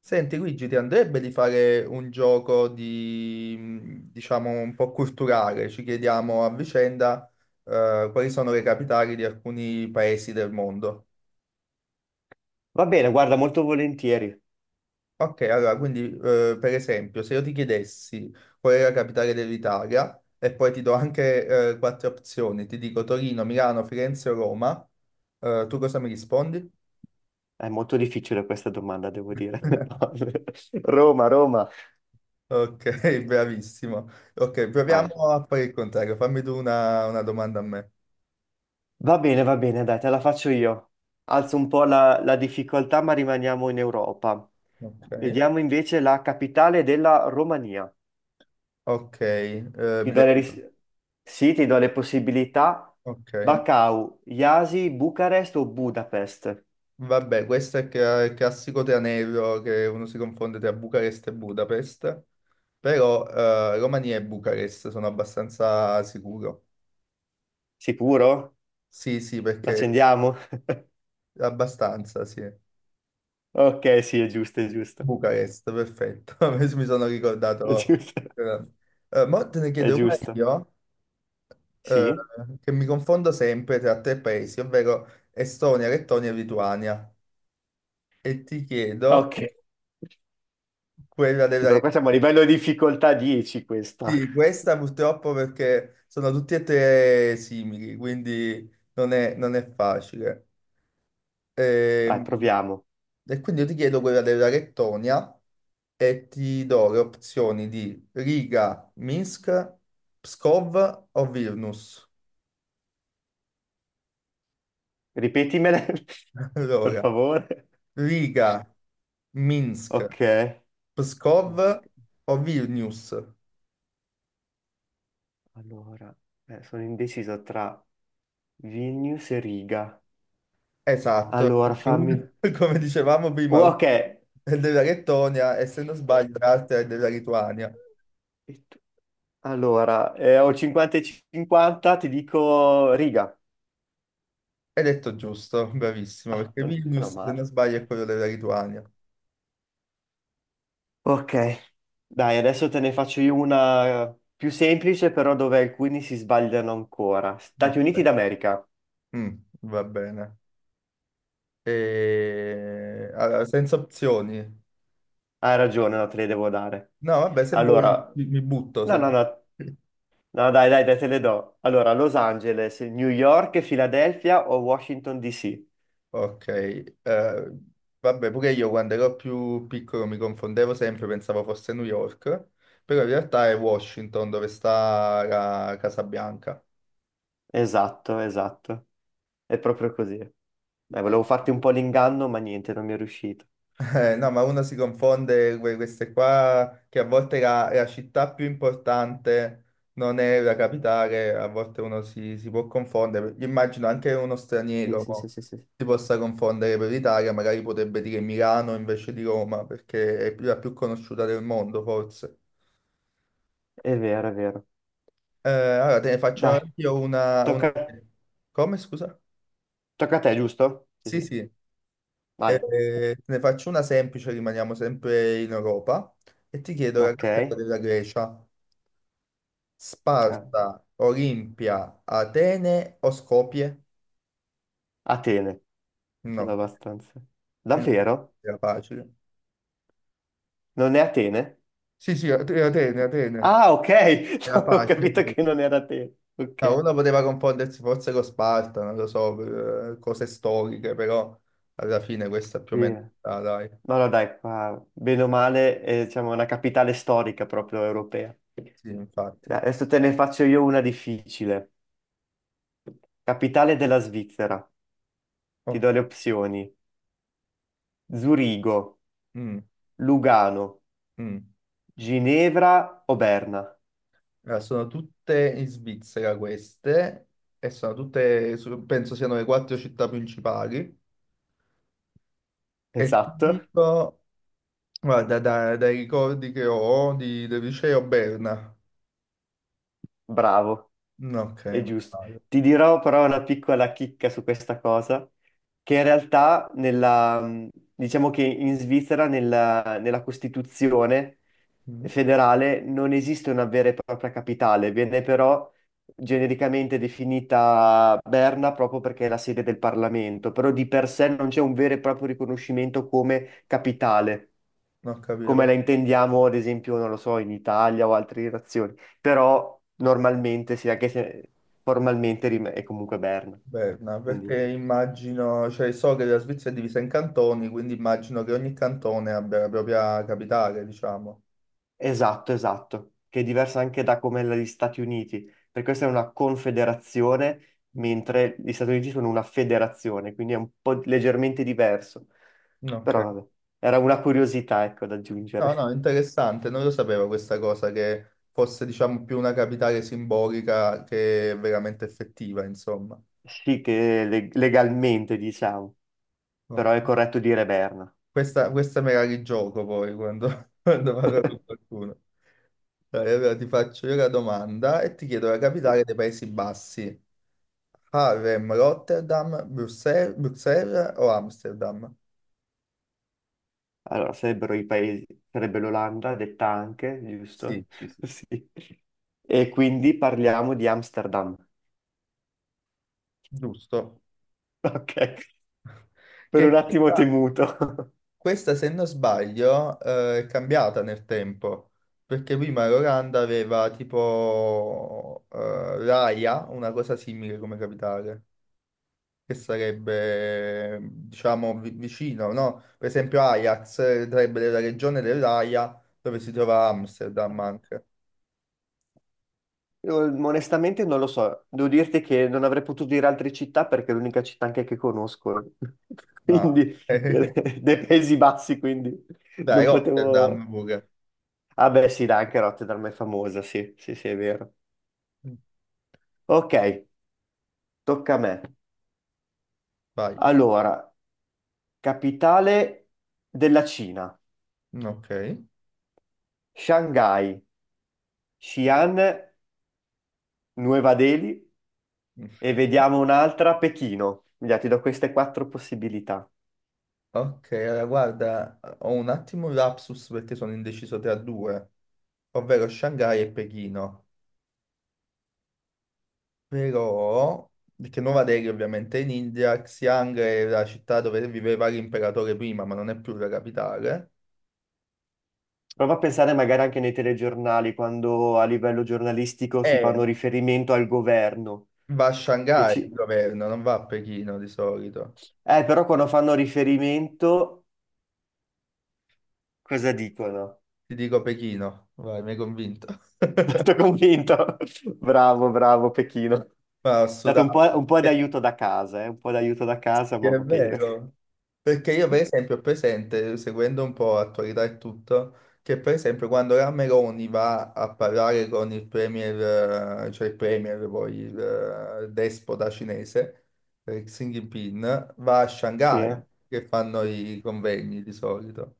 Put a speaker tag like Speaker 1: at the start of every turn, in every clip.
Speaker 1: Senti Luigi, ti andrebbe di fare un gioco di, diciamo, un po' culturale? Ci chiediamo a vicenda, quali sono le capitali di alcuni paesi del mondo.
Speaker 2: Va bene, guarda, molto volentieri.
Speaker 1: Ok, allora, quindi, per esempio, se io ti chiedessi qual è la capitale dell'Italia, e poi ti do anche, quattro opzioni, ti dico Torino, Milano, Firenze o Roma, tu cosa mi rispondi?
Speaker 2: È molto difficile questa domanda, devo dire. Roma, Roma.
Speaker 1: Ok, bravissimo. Ok,
Speaker 2: Vai.
Speaker 1: proviamo a fare il contrario. Fammi tu una domanda a me.
Speaker 2: Va bene, dai, te la faccio io. Alzo un po' la difficoltà, ma rimaniamo in Europa.
Speaker 1: Ok.
Speaker 2: Vediamo invece la capitale della Romania.
Speaker 1: Ok,
Speaker 2: Ti do le ris- Sì, ti do le possibilità.
Speaker 1: ok.
Speaker 2: Bacău, Iasi, Bucarest o Budapest?
Speaker 1: Vabbè, questo è il classico tranello che uno si confonde tra Bucarest e Budapest, però Romania e Bucarest sono abbastanza sicuro.
Speaker 2: Sicuro?
Speaker 1: Sì, sì, perché
Speaker 2: L'accendiamo?
Speaker 1: abbastanza, sì.
Speaker 2: Ok, sì, è giusto, è giusto.
Speaker 1: Bucarest, perfetto. Mi sono
Speaker 2: È
Speaker 1: ricordato.
Speaker 2: giusto,
Speaker 1: Eh, mo te ne
Speaker 2: è
Speaker 1: chiedo una
Speaker 2: giusto.
Speaker 1: io, eh,
Speaker 2: Sì.
Speaker 1: che mi confondo sempre tra tre paesi, ovvero Estonia, Lettonia e Lituania. E ti chiedo
Speaker 2: Ok.
Speaker 1: quella
Speaker 2: Sì,
Speaker 1: della
Speaker 2: però qua siamo a
Speaker 1: Lettonia.
Speaker 2: livello di difficoltà 10 questa.
Speaker 1: Sì, questa purtroppo perché sono tutti e tre simili, quindi non è facile.
Speaker 2: Vai,
Speaker 1: Ehm,
Speaker 2: proviamo.
Speaker 1: E, quindi io ti chiedo quella della Lettonia e ti do le opzioni di Riga, Minsk, Pskov o Vilnius.
Speaker 2: Ripetimele, per
Speaker 1: Allora,
Speaker 2: favore.
Speaker 1: Riga, Minsk,
Speaker 2: Ok.
Speaker 1: Pskov o Vilnius.
Speaker 2: Allora, sono indeciso tra Vilnius e Riga.
Speaker 1: Esatto,
Speaker 2: Allora,
Speaker 1: perché
Speaker 2: fammi...
Speaker 1: come dicevamo prima,
Speaker 2: Oh,
Speaker 1: una
Speaker 2: ok.
Speaker 1: è della Lettonia e se non sbaglio l'altra è della Lituania.
Speaker 2: Tu- Allora, ho 50 e 50, ti dico Riga.
Speaker 1: Hai detto giusto, bravissimo,
Speaker 2: Ah,
Speaker 1: perché
Speaker 2: meno, meno
Speaker 1: Vilnius, se non
Speaker 2: male.
Speaker 1: sbaglio, è quello della Lituania.
Speaker 2: Ok. Dai, adesso te ne faccio io una più semplice, però dove alcuni si sbagliano ancora. Stati Uniti
Speaker 1: Ok.
Speaker 2: d'America.
Speaker 1: Mm, va bene. E... Allora, senza opzioni.
Speaker 2: Hai ragione, no, te le devo dare.
Speaker 1: No, vabbè, se vuoi
Speaker 2: Allora,
Speaker 1: mi butto.
Speaker 2: no, no, no, no, dai, dai, dai, te le do. Allora, Los Angeles, New York, Filadelfia o Washington DC?
Speaker 1: Ok. Vabbè, pure io quando ero più piccolo mi confondevo sempre, pensavo fosse New York, però in realtà è Washington dove sta la Casa Bianca.
Speaker 2: Esatto, esatto. È proprio così. Dai,
Speaker 1: Eh.
Speaker 2: volevo farti un po' l'inganno, ma niente, non mi è riuscito.
Speaker 1: No, ma uno si confonde queste qua, che a volte la città più importante non è la capitale, a volte si può confondere. Io immagino anche uno
Speaker 2: Sì,
Speaker 1: straniero
Speaker 2: sì, sì,
Speaker 1: mo,
Speaker 2: sì, sì. Sì.
Speaker 1: si possa confondere per l'Italia, magari potrebbe dire Milano invece di Roma, perché è la più conosciuta del mondo, forse.
Speaker 2: È vero, è vero.
Speaker 1: Allora, te ne faccio
Speaker 2: Dai,
Speaker 1: io una...
Speaker 2: tocca,
Speaker 1: Come, scusa?
Speaker 2: tocca a te, giusto? Sì,
Speaker 1: Sì,
Speaker 2: sì.
Speaker 1: sì. Eh,
Speaker 2: Vai.
Speaker 1: te ne faccio una semplice, rimaniamo sempre in Europa, e ti chiedo la
Speaker 2: Ok.
Speaker 1: capitale della Grecia.
Speaker 2: Ah,
Speaker 1: Sparta, Olimpia, Atene o Skopje?
Speaker 2: Atene,
Speaker 1: No,
Speaker 2: abbastanza.
Speaker 1: no,
Speaker 2: Davvero?
Speaker 1: era facile.
Speaker 2: Non è Atene?
Speaker 1: Sì, sì, Atene, Atene.
Speaker 2: Ah, ok.
Speaker 1: Era
Speaker 2: No, ho
Speaker 1: facile
Speaker 2: capito
Speaker 1: questa.
Speaker 2: che non era te.
Speaker 1: No,
Speaker 2: Ok.
Speaker 1: uno poteva confondersi forse con Sparta, non lo so, per, cose storiche, però alla fine questa più o
Speaker 2: Sì.
Speaker 1: meno, ah, dai.
Speaker 2: No, no, dai, qua, bene o male, è, diciamo, una capitale storica proprio europea. Dai,
Speaker 1: Sì, infatti.
Speaker 2: adesso te ne faccio io una difficile. Capitale della Svizzera. Ti do
Speaker 1: Ok.
Speaker 2: le opzioni. Zurigo,
Speaker 1: Mm,
Speaker 2: Lugano,
Speaker 1: mm.
Speaker 2: Ginevra o Berna.
Speaker 1: Allora, sono tutte in Svizzera queste, e sono tutte, penso siano le quattro città principali. E ti
Speaker 2: Esatto,
Speaker 1: dico... Guarda, dai ricordi che ho del liceo Berna.
Speaker 2: bravo.
Speaker 1: No, ok,
Speaker 2: È
Speaker 1: ma
Speaker 2: giusto.
Speaker 1: sbaglio.
Speaker 2: Ti dirò però una piccola chicca su questa cosa, che in realtà nella, diciamo che in Svizzera nella Costituzione
Speaker 1: Mm,
Speaker 2: federale non esiste una vera e propria capitale, viene però genericamente definita Berna proprio perché è la sede del Parlamento, però di per sé non c'è un vero e proprio riconoscimento come capitale
Speaker 1: non ho capito
Speaker 2: come la
Speaker 1: perché
Speaker 2: intendiamo, ad esempio, non lo so, in Italia o altre nazioni, però normalmente sì, anche se formalmente è comunque Berna.
Speaker 1: Berna,
Speaker 2: Quindi,
Speaker 1: perché immagino, cioè so che la Svizzera è divisa in cantoni, quindi immagino che ogni cantone abbia la propria capitale, diciamo.
Speaker 2: esatto, esatto, che è diversa anche da come la degli Stati Uniti, perché questa è una confederazione,
Speaker 1: Mm,
Speaker 2: mentre gli Stati Uniti sono una federazione, quindi è un po' leggermente diverso.
Speaker 1: ok.
Speaker 2: Però vabbè, era una curiosità, ecco, da
Speaker 1: No,
Speaker 2: aggiungere.
Speaker 1: no, interessante, non lo sapevo questa cosa, che fosse, diciamo, più una capitale simbolica che veramente effettiva, insomma.
Speaker 2: Sì, che legalmente, diciamo, però
Speaker 1: Ok.
Speaker 2: è corretto dire Berna.
Speaker 1: Questa me la rigioco poi quando, quando parlo con qualcuno. Dai, allora ti faccio io la domanda e ti chiedo la capitale
Speaker 2: Sì.
Speaker 1: dei Paesi Bassi. Harlem, Rotterdam, Bruxelles o Amsterdam?
Speaker 2: Allora, sarebbero i paesi, sarebbe l'Olanda, detta anche,
Speaker 1: Sì,
Speaker 2: giusto?
Speaker 1: sì, sì.
Speaker 2: Sì. E quindi parliamo di Amsterdam.
Speaker 1: Giusto.
Speaker 2: Ok, per un
Speaker 1: Che
Speaker 2: attimo ho temuto.
Speaker 1: questa, se non sbaglio, è cambiata nel tempo, perché prima l'Olanda aveva tipo l'Aia, una cosa simile come capitale. Che sarebbe, diciamo, vicino, no? Per esempio Ajax sarebbe della regione dell'Aia dove si trova Amsterdam anche.
Speaker 2: Io, onestamente non lo so, devo dirti che non avrei potuto dire altre città perché è l'unica città anche che conosco,
Speaker 1: Ah.
Speaker 2: quindi dei Paesi Bassi, quindi
Speaker 1: Dai,
Speaker 2: non
Speaker 1: Rotterdam
Speaker 2: potevo...
Speaker 1: pure.
Speaker 2: Ah beh sì, dai, anche Rotterdam è famosa, sì, sì, sì, è vero. Ok, tocca a me.
Speaker 1: Vai.
Speaker 2: Allora, capitale della Cina,
Speaker 1: Ok.
Speaker 2: Shanghai, Xi'an, Nuova Delhi e vediamo un'altra, Pechino. Già, ti do queste quattro possibilità.
Speaker 1: Ok, allora guarda, ho un attimo un lapsus perché sono indeciso tra due, ovvero Shanghai e Pechino. Però, perché Nuova Delhi ovviamente è in India, Xi'an è la città dove viveva l'imperatore prima, ma non è più la capitale.
Speaker 2: Prova a pensare magari anche nei telegiornali, quando a livello giornalistico si
Speaker 1: Eh,
Speaker 2: fanno riferimento al governo.
Speaker 1: Va a
Speaker 2: Che
Speaker 1: Shanghai il
Speaker 2: ci...
Speaker 1: governo, non va a Pechino di solito.
Speaker 2: Però quando fanno riferimento, cosa dicono?
Speaker 1: Ti dico Pechino, vai, mi hai convinto.
Speaker 2: Tutto convinto. Bravo, bravo, Pechino.
Speaker 1: Ma ho
Speaker 2: Date
Speaker 1: sudato.
Speaker 2: un po' di aiuto da casa, eh? Un po' di aiuto da casa,
Speaker 1: Sì,
Speaker 2: ma
Speaker 1: è
Speaker 2: va bene.
Speaker 1: vero. Perché io, per esempio, ho presente, seguendo un po' l'attualità e tutto, che per esempio quando la Meloni va a parlare con il premier, cioè il premier, poi il despota cinese, Xi Jinping, va a
Speaker 2: Sì,
Speaker 1: Shanghai,
Speaker 2: eh.
Speaker 1: che fanno i convegni di solito.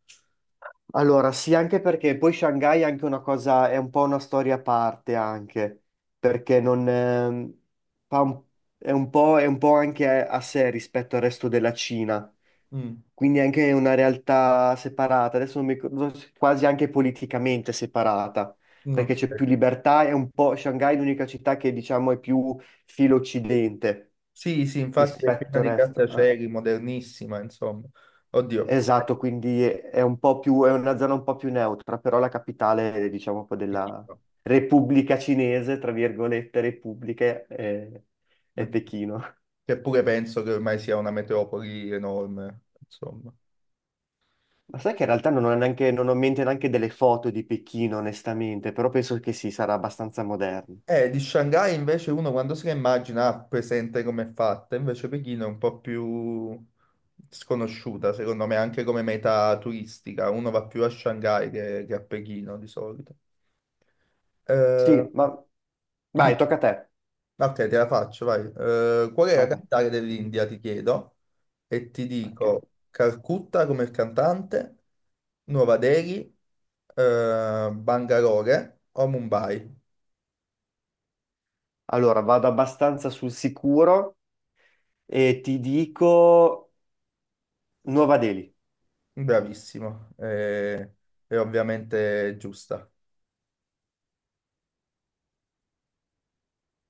Speaker 2: Allora, sì, anche perché poi Shanghai è anche una cosa, è un po' una storia a parte anche, perché non, fa un- è un po' anche a sé rispetto al resto della Cina,
Speaker 1: Mm,
Speaker 2: quindi è anche una realtà separata, adesso non mi ricordo, quasi anche politicamente separata,
Speaker 1: no.
Speaker 2: perché c'è più libertà, è un po', Shanghai è l'unica città che diciamo è più filo occidente
Speaker 1: Sì, sì, infatti è piena
Speaker 2: rispetto al
Speaker 1: di
Speaker 2: resto. Eh.
Speaker 1: grattacieli, modernissima, insomma. Oddio,
Speaker 2: Esatto, quindi è un po' più, è una zona un po' più neutra, però la capitale, diciamo, un po' della Repubblica Cinese, tra virgolette, Repubblica, è, Pechino.
Speaker 1: che pure penso che ormai sia una metropoli enorme, insomma.
Speaker 2: Ma sai che in realtà non ho neanche, non ho in mente neanche delle foto di Pechino, onestamente, però penso che sì, sarà abbastanza moderno.
Speaker 1: Di Shanghai invece uno quando se la immagina ha presente come è fatta, invece Pechino è un po' più sconosciuta, secondo me, anche come meta turistica. Uno va più a Shanghai che a Pechino di solito. Eh,
Speaker 2: Sì, ma vai,
Speaker 1: di-
Speaker 2: tocca a te.
Speaker 1: Ok, te la faccio, vai. Qual è la
Speaker 2: Vai, vai.
Speaker 1: capitale
Speaker 2: Mhm.
Speaker 1: dell'India, ti chiedo, e ti
Speaker 2: Ok.
Speaker 1: dico Calcutta come il cantante, Nuova Delhi, Bangalore o Mumbai.
Speaker 2: Allora, vado abbastanza sul sicuro e ti dico Nuova Delhi.
Speaker 1: Bravissimo, eh, è ovviamente giusta.